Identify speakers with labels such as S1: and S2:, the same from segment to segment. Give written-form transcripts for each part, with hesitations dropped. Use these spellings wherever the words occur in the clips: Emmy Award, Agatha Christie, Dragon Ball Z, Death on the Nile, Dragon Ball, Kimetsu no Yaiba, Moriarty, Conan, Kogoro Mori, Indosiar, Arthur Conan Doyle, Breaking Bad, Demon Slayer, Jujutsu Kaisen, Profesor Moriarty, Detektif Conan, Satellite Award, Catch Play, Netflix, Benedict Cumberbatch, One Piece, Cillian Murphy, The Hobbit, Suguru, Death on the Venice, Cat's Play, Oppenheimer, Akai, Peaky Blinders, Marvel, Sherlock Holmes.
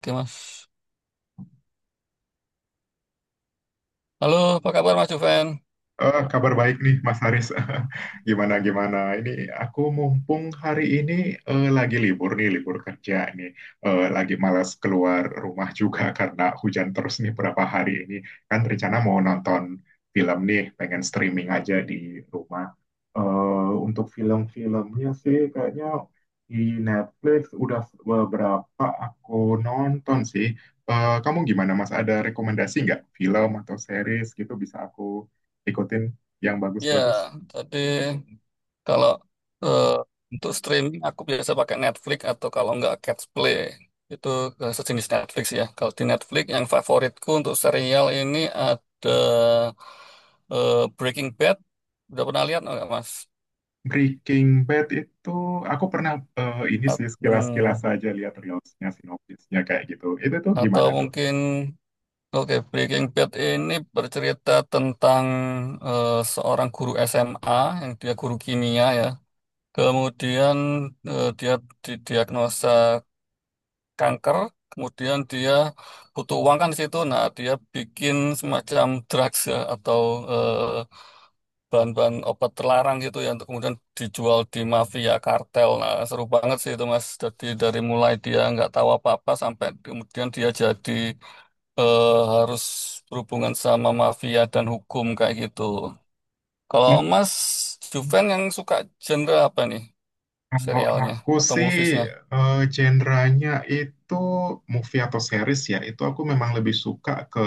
S1: Oke, Mas. Halo, apa kabar Mas Juven?
S2: Kabar baik nih Mas Haris. Gimana gimana? Ini aku mumpung hari ini lagi libur nih, libur kerja nih. Lagi malas keluar rumah juga karena hujan terus nih berapa hari ini. Kan rencana mau nonton film nih, pengen streaming aja di rumah. Untuk film-filmnya sih kayaknya di Netflix udah beberapa aku nonton sih. Kamu gimana Mas? Ada rekomendasi nggak film atau series gitu bisa aku ikutin yang bagus-bagus.
S1: Ya, tadi kalau eh, untuk streaming aku biasa pakai Netflix atau kalau nggak Catch Play. Itu sejenis Netflix, ya. Kalau di Netflix yang favoritku untuk serial ini ada eh, Breaking Bad. Udah pernah lihat nggak, Mas?
S2: Breaking Bad itu aku pernah ini
S1: At-
S2: sih sekilas-kilas
S1: hmm,
S2: aja lihat reelsnya, sinopsisnya kayak gitu. Itu tuh
S1: Atau
S2: gimana tuh?
S1: mungkin Oke, Breaking Bad ini bercerita tentang seorang guru SMA yang dia guru kimia, ya. Kemudian dia didiagnosa kanker, kemudian dia butuh uang kan di situ. Nah, dia bikin semacam drugs, ya, atau eh, bahan-bahan obat terlarang gitu ya untuk kemudian dijual di mafia kartel. Nah, seru banget sih itu, Mas. Jadi dari mulai dia nggak tahu apa-apa sampai kemudian dia jadi harus berhubungan sama mafia dan hukum kayak gitu. Kalau
S2: Hmm?
S1: Mas Juven yang suka genre apa nih,
S2: Kalau
S1: serialnya
S2: aku
S1: atau
S2: sih
S1: moviesnya?
S2: genrenya itu movie atau series ya, itu aku memang lebih suka ke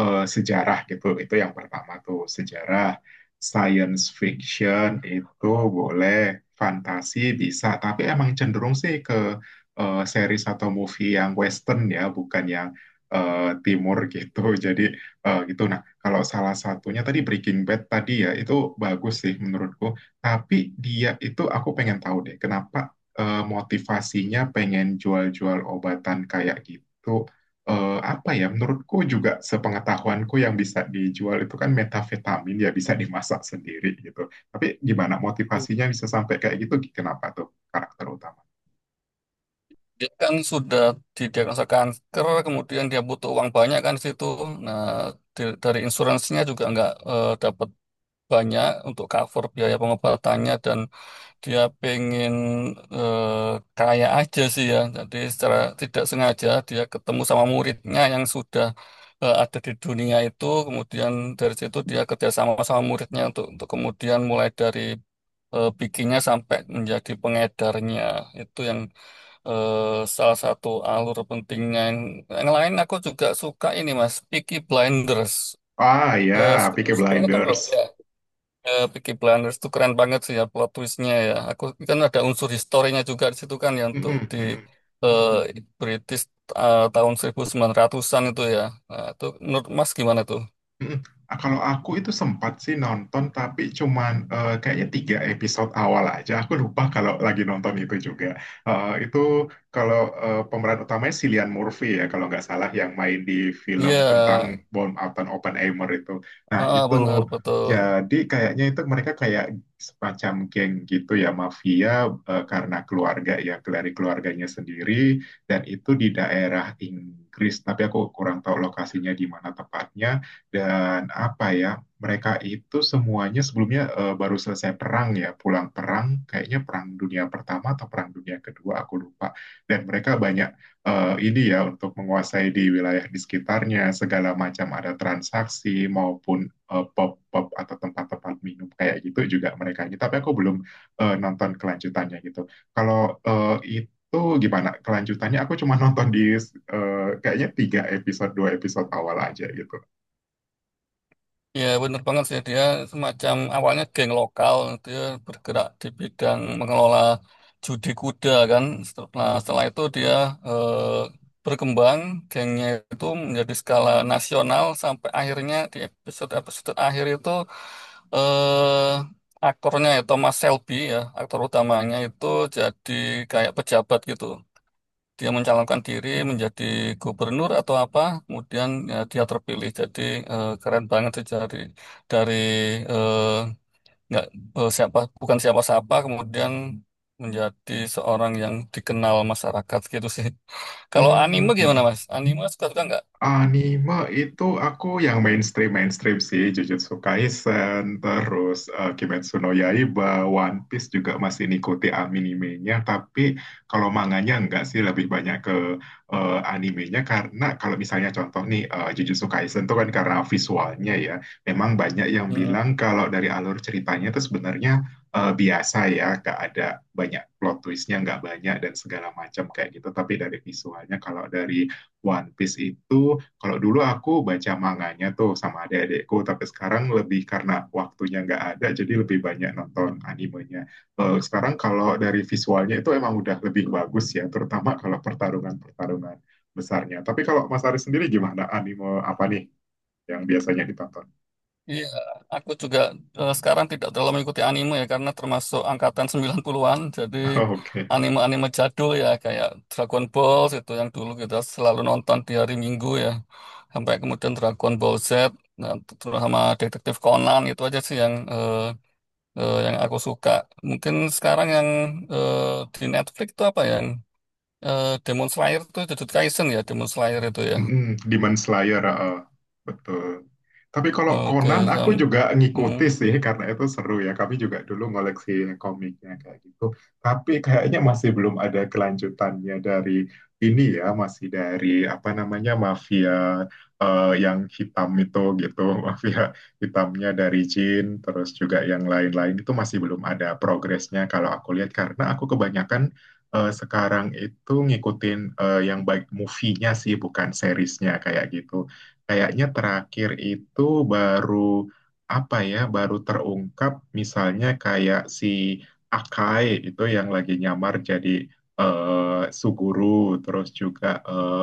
S2: sejarah gitu. Itu yang pertama tuh, sejarah, science fiction itu boleh, fantasi bisa, tapi emang cenderung sih ke series atau movie yang western ya, bukan yang eh, timur gitu. Jadi gitu. Nah, kalau salah satunya tadi Breaking Bad tadi ya, itu bagus sih menurutku. Tapi dia itu aku pengen tahu deh, kenapa motivasinya pengen jual-jual obatan kayak gitu? Apa ya? Menurutku juga sepengetahuanku yang bisa dijual itu kan metafetamin ya bisa dimasak sendiri gitu. Tapi gimana motivasinya bisa sampai kayak gitu? Kenapa tuh karakter utama?
S1: Dia kan sudah didiagnosa kanker, kemudian dia butuh uang banyak kan di situ. Nah, dari insuransinya juga nggak dapat banyak untuk cover biaya pengobatannya, dan dia pengen eh, kaya aja sih ya. Jadi secara tidak sengaja dia ketemu sama muridnya yang sudah ada di dunia itu. Kemudian dari situ dia kerjasama sama muridnya untuk kemudian mulai dari bikinnya sampai menjadi pengedarnya. Itu yang eh, salah satu alur pentingnya. Yang lain aku juga suka ini Mas, Peaky Blinders.
S2: Ah
S1: Eh,
S2: ya,
S1: suka,
S2: Peaky
S1: suka nonton, Bang?
S2: Blinders.
S1: Ya. Eh, Peaky Blinders tuh keren banget sih ya plot twistnya ya. Aku kan ada unsur historinya juga di situ kan yang untuk
S2: Mm-mm,
S1: di
S2: mm-mm.
S1: eh, British tahun ratusan an itu ya. Nah, itu menurut Mas gimana tuh?
S2: Mm-mm. Ah, kalau aku itu sempat sih nonton, tapi cuman kayaknya tiga episode awal aja. Aku lupa kalau lagi nonton itu juga. Itu kalau pemeran utamanya si Cillian Murphy ya, kalau nggak salah yang main di film
S1: Iya,
S2: tentang Bom Alton Oppenheimer itu. Nah
S1: ah,
S2: itu
S1: bener betul.
S2: jadi kayaknya itu mereka kayak semacam geng gitu ya, mafia karena keluarga ya, dari keluarganya sendiri. Dan itu di daerah Inggris, tapi aku kurang tahu lokasinya di mana tepatnya dan apa ya, mereka itu semuanya sebelumnya baru selesai perang ya, pulang perang, kayaknya perang dunia pertama atau perang dunia kedua, aku lupa. Dan mereka banyak ini ya untuk menguasai di wilayah di sekitarnya, segala macam ada transaksi maupun pub-pub atau tempat-tempat minum kayak gitu juga mereka ini. Tapi aku belum nonton kelanjutannya gitu. Kalau itu tuh gimana kelanjutannya? Aku cuma nonton di kayaknya tiga episode, dua episode awal aja gitu.
S1: Ya, bener banget sih. Dia semacam awalnya geng lokal. Dia bergerak di bidang mengelola judi kuda kan. Setelah itu dia eh, berkembang. Gengnya itu menjadi skala nasional sampai akhirnya di episode-episode akhir itu eh aktornya ya Thomas Shelby ya, aktor utamanya itu jadi kayak pejabat gitu, dia mencalonkan diri menjadi gubernur atau apa, kemudian ya, dia terpilih. Jadi keren banget sih dari dari eh, nggak siapa bukan siapa-siapa, kemudian menjadi seorang yang dikenal masyarakat gitu sih. Kalau
S2: Hmm,
S1: anime
S2: hmm.
S1: gimana Mas? Anime suka-suka nggak?
S2: Anime itu aku yang mainstream mainstream sih Jujutsu Kaisen, terus Kimetsu no Yaiba, One Piece juga masih ngikuti animenya, tapi kalau manganya enggak sih lebih banyak ke animenya karena kalau misalnya contoh nih Jujutsu Kaisen tuh kan karena visualnya ya, memang banyak yang bilang kalau dari alur ceritanya itu sebenarnya biasa ya, gak ada banyak plot twistnya, nggak banyak dan segala macam kayak gitu, tapi dari visualnya kalau dari One Piece itu kalau dulu aku baca manganya tuh sama adik-adikku, tapi sekarang lebih karena waktunya nggak ada, jadi lebih banyak nonton animenya. Sekarang kalau dari visualnya itu emang udah lebih bagus ya, terutama kalau pertarungan-pertarungan besarnya. Tapi kalau Mas Ari sendiri gimana anime apa nih yang biasanya ditonton?
S1: Iya, aku juga sekarang tidak terlalu mengikuti anime ya karena termasuk angkatan 90-an. Jadi
S2: Oke.
S1: anime-anime jadul ya kayak Dragon Ball itu yang dulu kita selalu nonton di hari Minggu ya. Sampai kemudian Dragon Ball Z, nah, terus sama Detektif Conan itu aja sih yang aku suka. Mungkin sekarang yang eh, di Netflix itu apa ya? Yang Demon Slayer itu Jujutsu Kaisen ya, Demon Slayer itu ya.
S2: Mm-mm, Demon Slayer, heeh. Betul. Tapi kalau
S1: Oke,
S2: Conan aku
S1: sam-
S2: juga ngikuti
S1: mm.
S2: sih karena itu seru ya. Kami juga dulu ngoleksi komiknya kayak gitu. Tapi kayaknya masih belum ada kelanjutannya dari ini ya, masih dari apa namanya mafia yang hitam itu gitu, mafia hitamnya dari Jin, terus juga yang lain-lain itu masih belum ada progresnya kalau aku lihat karena aku kebanyakan sekarang itu ngikutin yang baik movie-nya sih, bukan seriesnya kayak gitu. Kayaknya terakhir itu baru apa ya, baru terungkap misalnya kayak si Akai itu yang lagi nyamar jadi Suguru, terus juga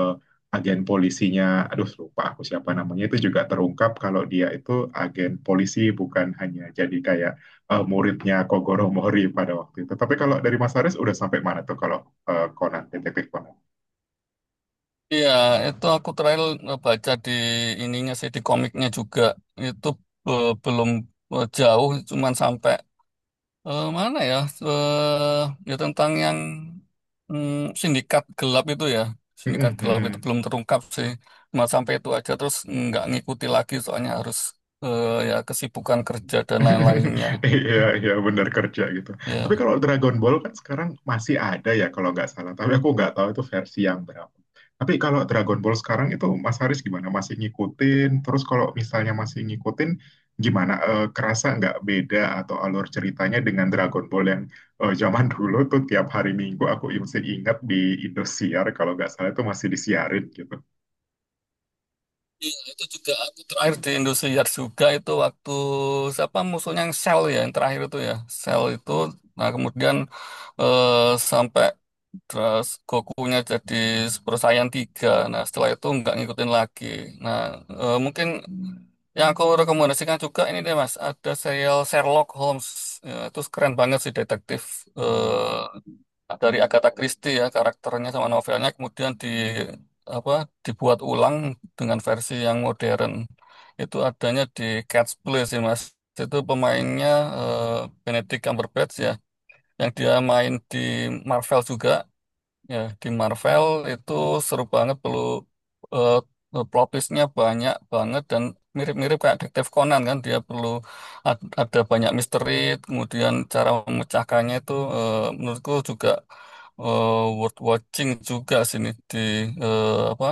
S2: agen polisinya, aduh lupa aku siapa namanya itu juga terungkap kalau dia itu agen polisi bukan hanya jadi kayak muridnya Kogoro Mori pada waktu itu. Tapi kalau dari Mas Haris udah sampai mana tuh kalau Conan, detektif Conan?
S1: Iya, itu aku terakhir baca di ininya sih, di komiknya juga itu belum jauh, cuman sampai eh, mana ya? Ya tentang yang sindikat gelap itu ya, sindikat
S2: Mm-mm,
S1: gelap itu
S2: mm-mm.
S1: belum terungkap sih, cuma sampai itu aja terus nggak ngikuti lagi soalnya harus ya kesibukan kerja dan lain-lainnya.
S2: Iya, iya benar kerja gitu. Tapi
S1: Ya.
S2: kalau Dragon Ball kan sekarang masih ada ya kalau nggak salah. Tapi aku nggak tahu itu versi yang berapa. Tapi kalau Dragon Ball sekarang itu Mas Haris gimana? Masih ngikutin? Terus kalau misalnya masih ngikutin, gimana? Kerasa nggak beda atau alur ceritanya dengan Dragon Ball yang zaman dulu tuh tiap hari Minggu aku masih ingat di Indosiar kalau nggak salah itu masih disiarin gitu.
S1: Iya, itu juga aku terakhir di Indosiar juga itu waktu siapa musuhnya yang Shell ya yang terakhir itu ya, Shell itu, nah, kemudian eh, sampai terus Gokunya jadi Super Saiyan 3. Nah setelah itu nggak ngikutin lagi. Nah, mungkin yang aku rekomendasikan juga ini deh Mas, ada serial Sherlock Holmes. Ya, itu keren banget sih, detektif eh, dari Agatha Christie ya karakternya sama novelnya, kemudian di apa dibuat ulang dengan versi yang modern. Itu adanya di Cat's Play sih mas, itu pemainnya eh, Benedict Cumberbatch ya, yang dia main di Marvel juga. Ya, di Marvel itu seru banget, perlu eh plot twist-nya banyak banget, dan mirip-mirip kayak Detektif Conan kan, dia perlu ada banyak misteri kemudian cara memecahkannya itu, eh, menurutku juga eh, worth watching juga sini di eh, apa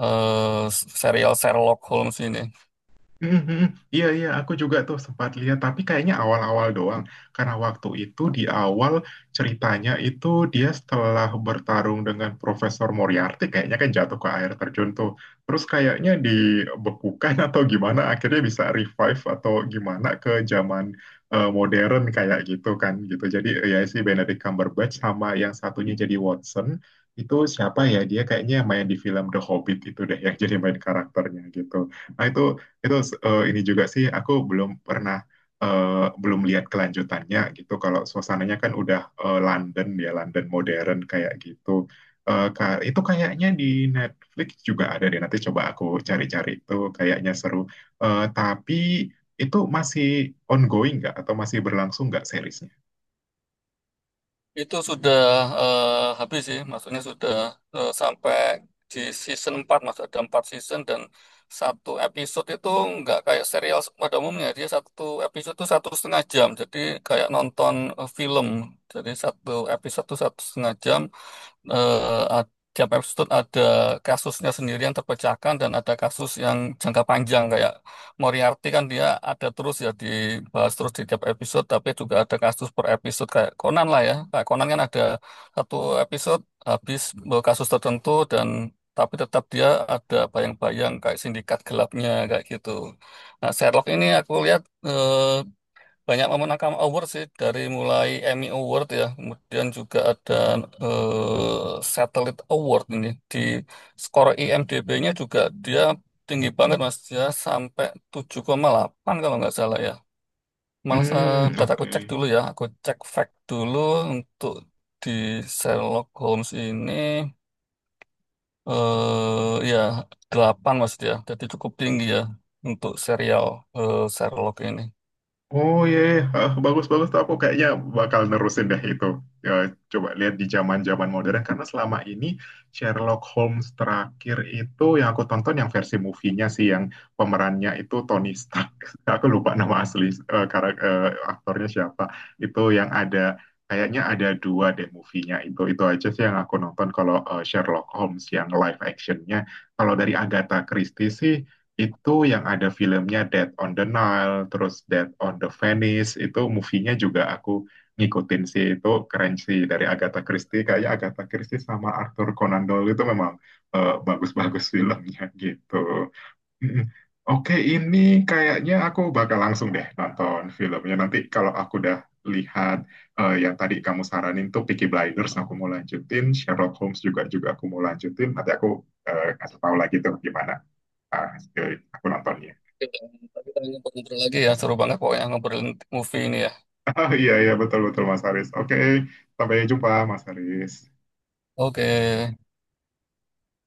S1: eh, serial Sherlock Holmes ini.
S2: Mhm, mhm. Iya, iya, aku juga tuh sempat lihat, tapi kayaknya awal-awal doang. Karena waktu itu di awal ceritanya itu dia setelah bertarung dengan Profesor Moriarty, kayaknya kan jatuh ke air terjun tuh. Terus kayaknya dibekukan atau gimana, akhirnya bisa revive atau gimana ke zaman modern kayak gitu kan gitu. Jadi ya si Benedict Cumberbatch sama yang satunya jadi Watson, itu siapa ya? Dia kayaknya yang main di film The Hobbit itu deh yang jadi main karakternya gitu. Nah itu ini juga sih aku belum pernah eh, belum lihat kelanjutannya gitu. Kalau suasananya kan udah London ya London modern kayak gitu. Itu kayaknya di Netflix juga ada deh. Nanti coba aku cari-cari itu kayaknya seru. Tapi itu masih ongoing nggak atau masih berlangsung nggak seriesnya?
S1: Itu sudah eh, habis sih, maksudnya sudah sampai di season 4, maksud ada 4 season, dan satu episode itu nggak kayak serial pada umumnya, dia satu episode itu satu setengah jam, jadi kayak nonton film, jadi satu episode itu satu setengah jam. eh, Tiap episode ada kasusnya sendiri yang terpecahkan dan ada kasus yang jangka panjang kayak Moriarty kan dia ada terus ya, dibahas terus di tiap episode, tapi juga ada kasus per episode kayak Conan lah ya, kayak Conan kan ada satu episode habis kasus tertentu dan tapi tetap dia ada bayang-bayang kayak sindikat gelapnya kayak gitu. Nah Sherlock ini aku lihat eh, banyak memenangkan award sih dari mulai Emmy Award ya, kemudian juga ada Satellite Award, ini di skor IMDb-nya juga dia tinggi banget Mas ya, sampai 7,8 kalau nggak salah ya. Malah
S2: Hmm,
S1: bentar aku cek
S2: oke.
S1: dulu ya, aku cek fact dulu untuk di Sherlock Holmes ini, ya 8 Mas dia. Jadi cukup tinggi ya untuk serial Sherlock ini.
S2: Oh iya, iya. Ah, bagus bagus tuh aku kayaknya bakal nerusin deh itu. Ya, coba lihat di zaman-zaman modern karena selama ini Sherlock Holmes terakhir itu yang aku tonton yang versi movie-nya sih yang pemerannya itu Tony Stark. Aku lupa nama asli aktornya siapa. Itu yang ada kayaknya ada dua deh movie-nya itu. Itu aja sih yang aku nonton kalau Sherlock Holmes yang live action-nya. Kalau dari Agatha Christie sih itu yang ada filmnya Death on the Nile, terus Death on the Venice, itu movie-nya juga aku ngikutin sih, itu keren sih dari Agatha Christie, kayak Agatha Christie sama Arthur Conan Doyle itu memang bagus-bagus filmnya gitu. Mm-mm. Oke, ini kayaknya aku bakal langsung deh nonton filmnya. Nanti kalau aku udah lihat yang tadi kamu saranin tuh Peaky Blinders, aku mau lanjutin. Sherlock Holmes juga juga aku mau lanjutin. Nanti aku kasih tahu lagi tuh gimana ah, aku nontonnya.
S1: Oke, Bang. Nanti kita ngobrol lagi ya, seru banget pokoknya ngobrolin movie ini ya.
S2: Oh, iya, iya, betul-betul Mas Haris. Oke, sampai jumpa Mas Haris.
S1: Oke.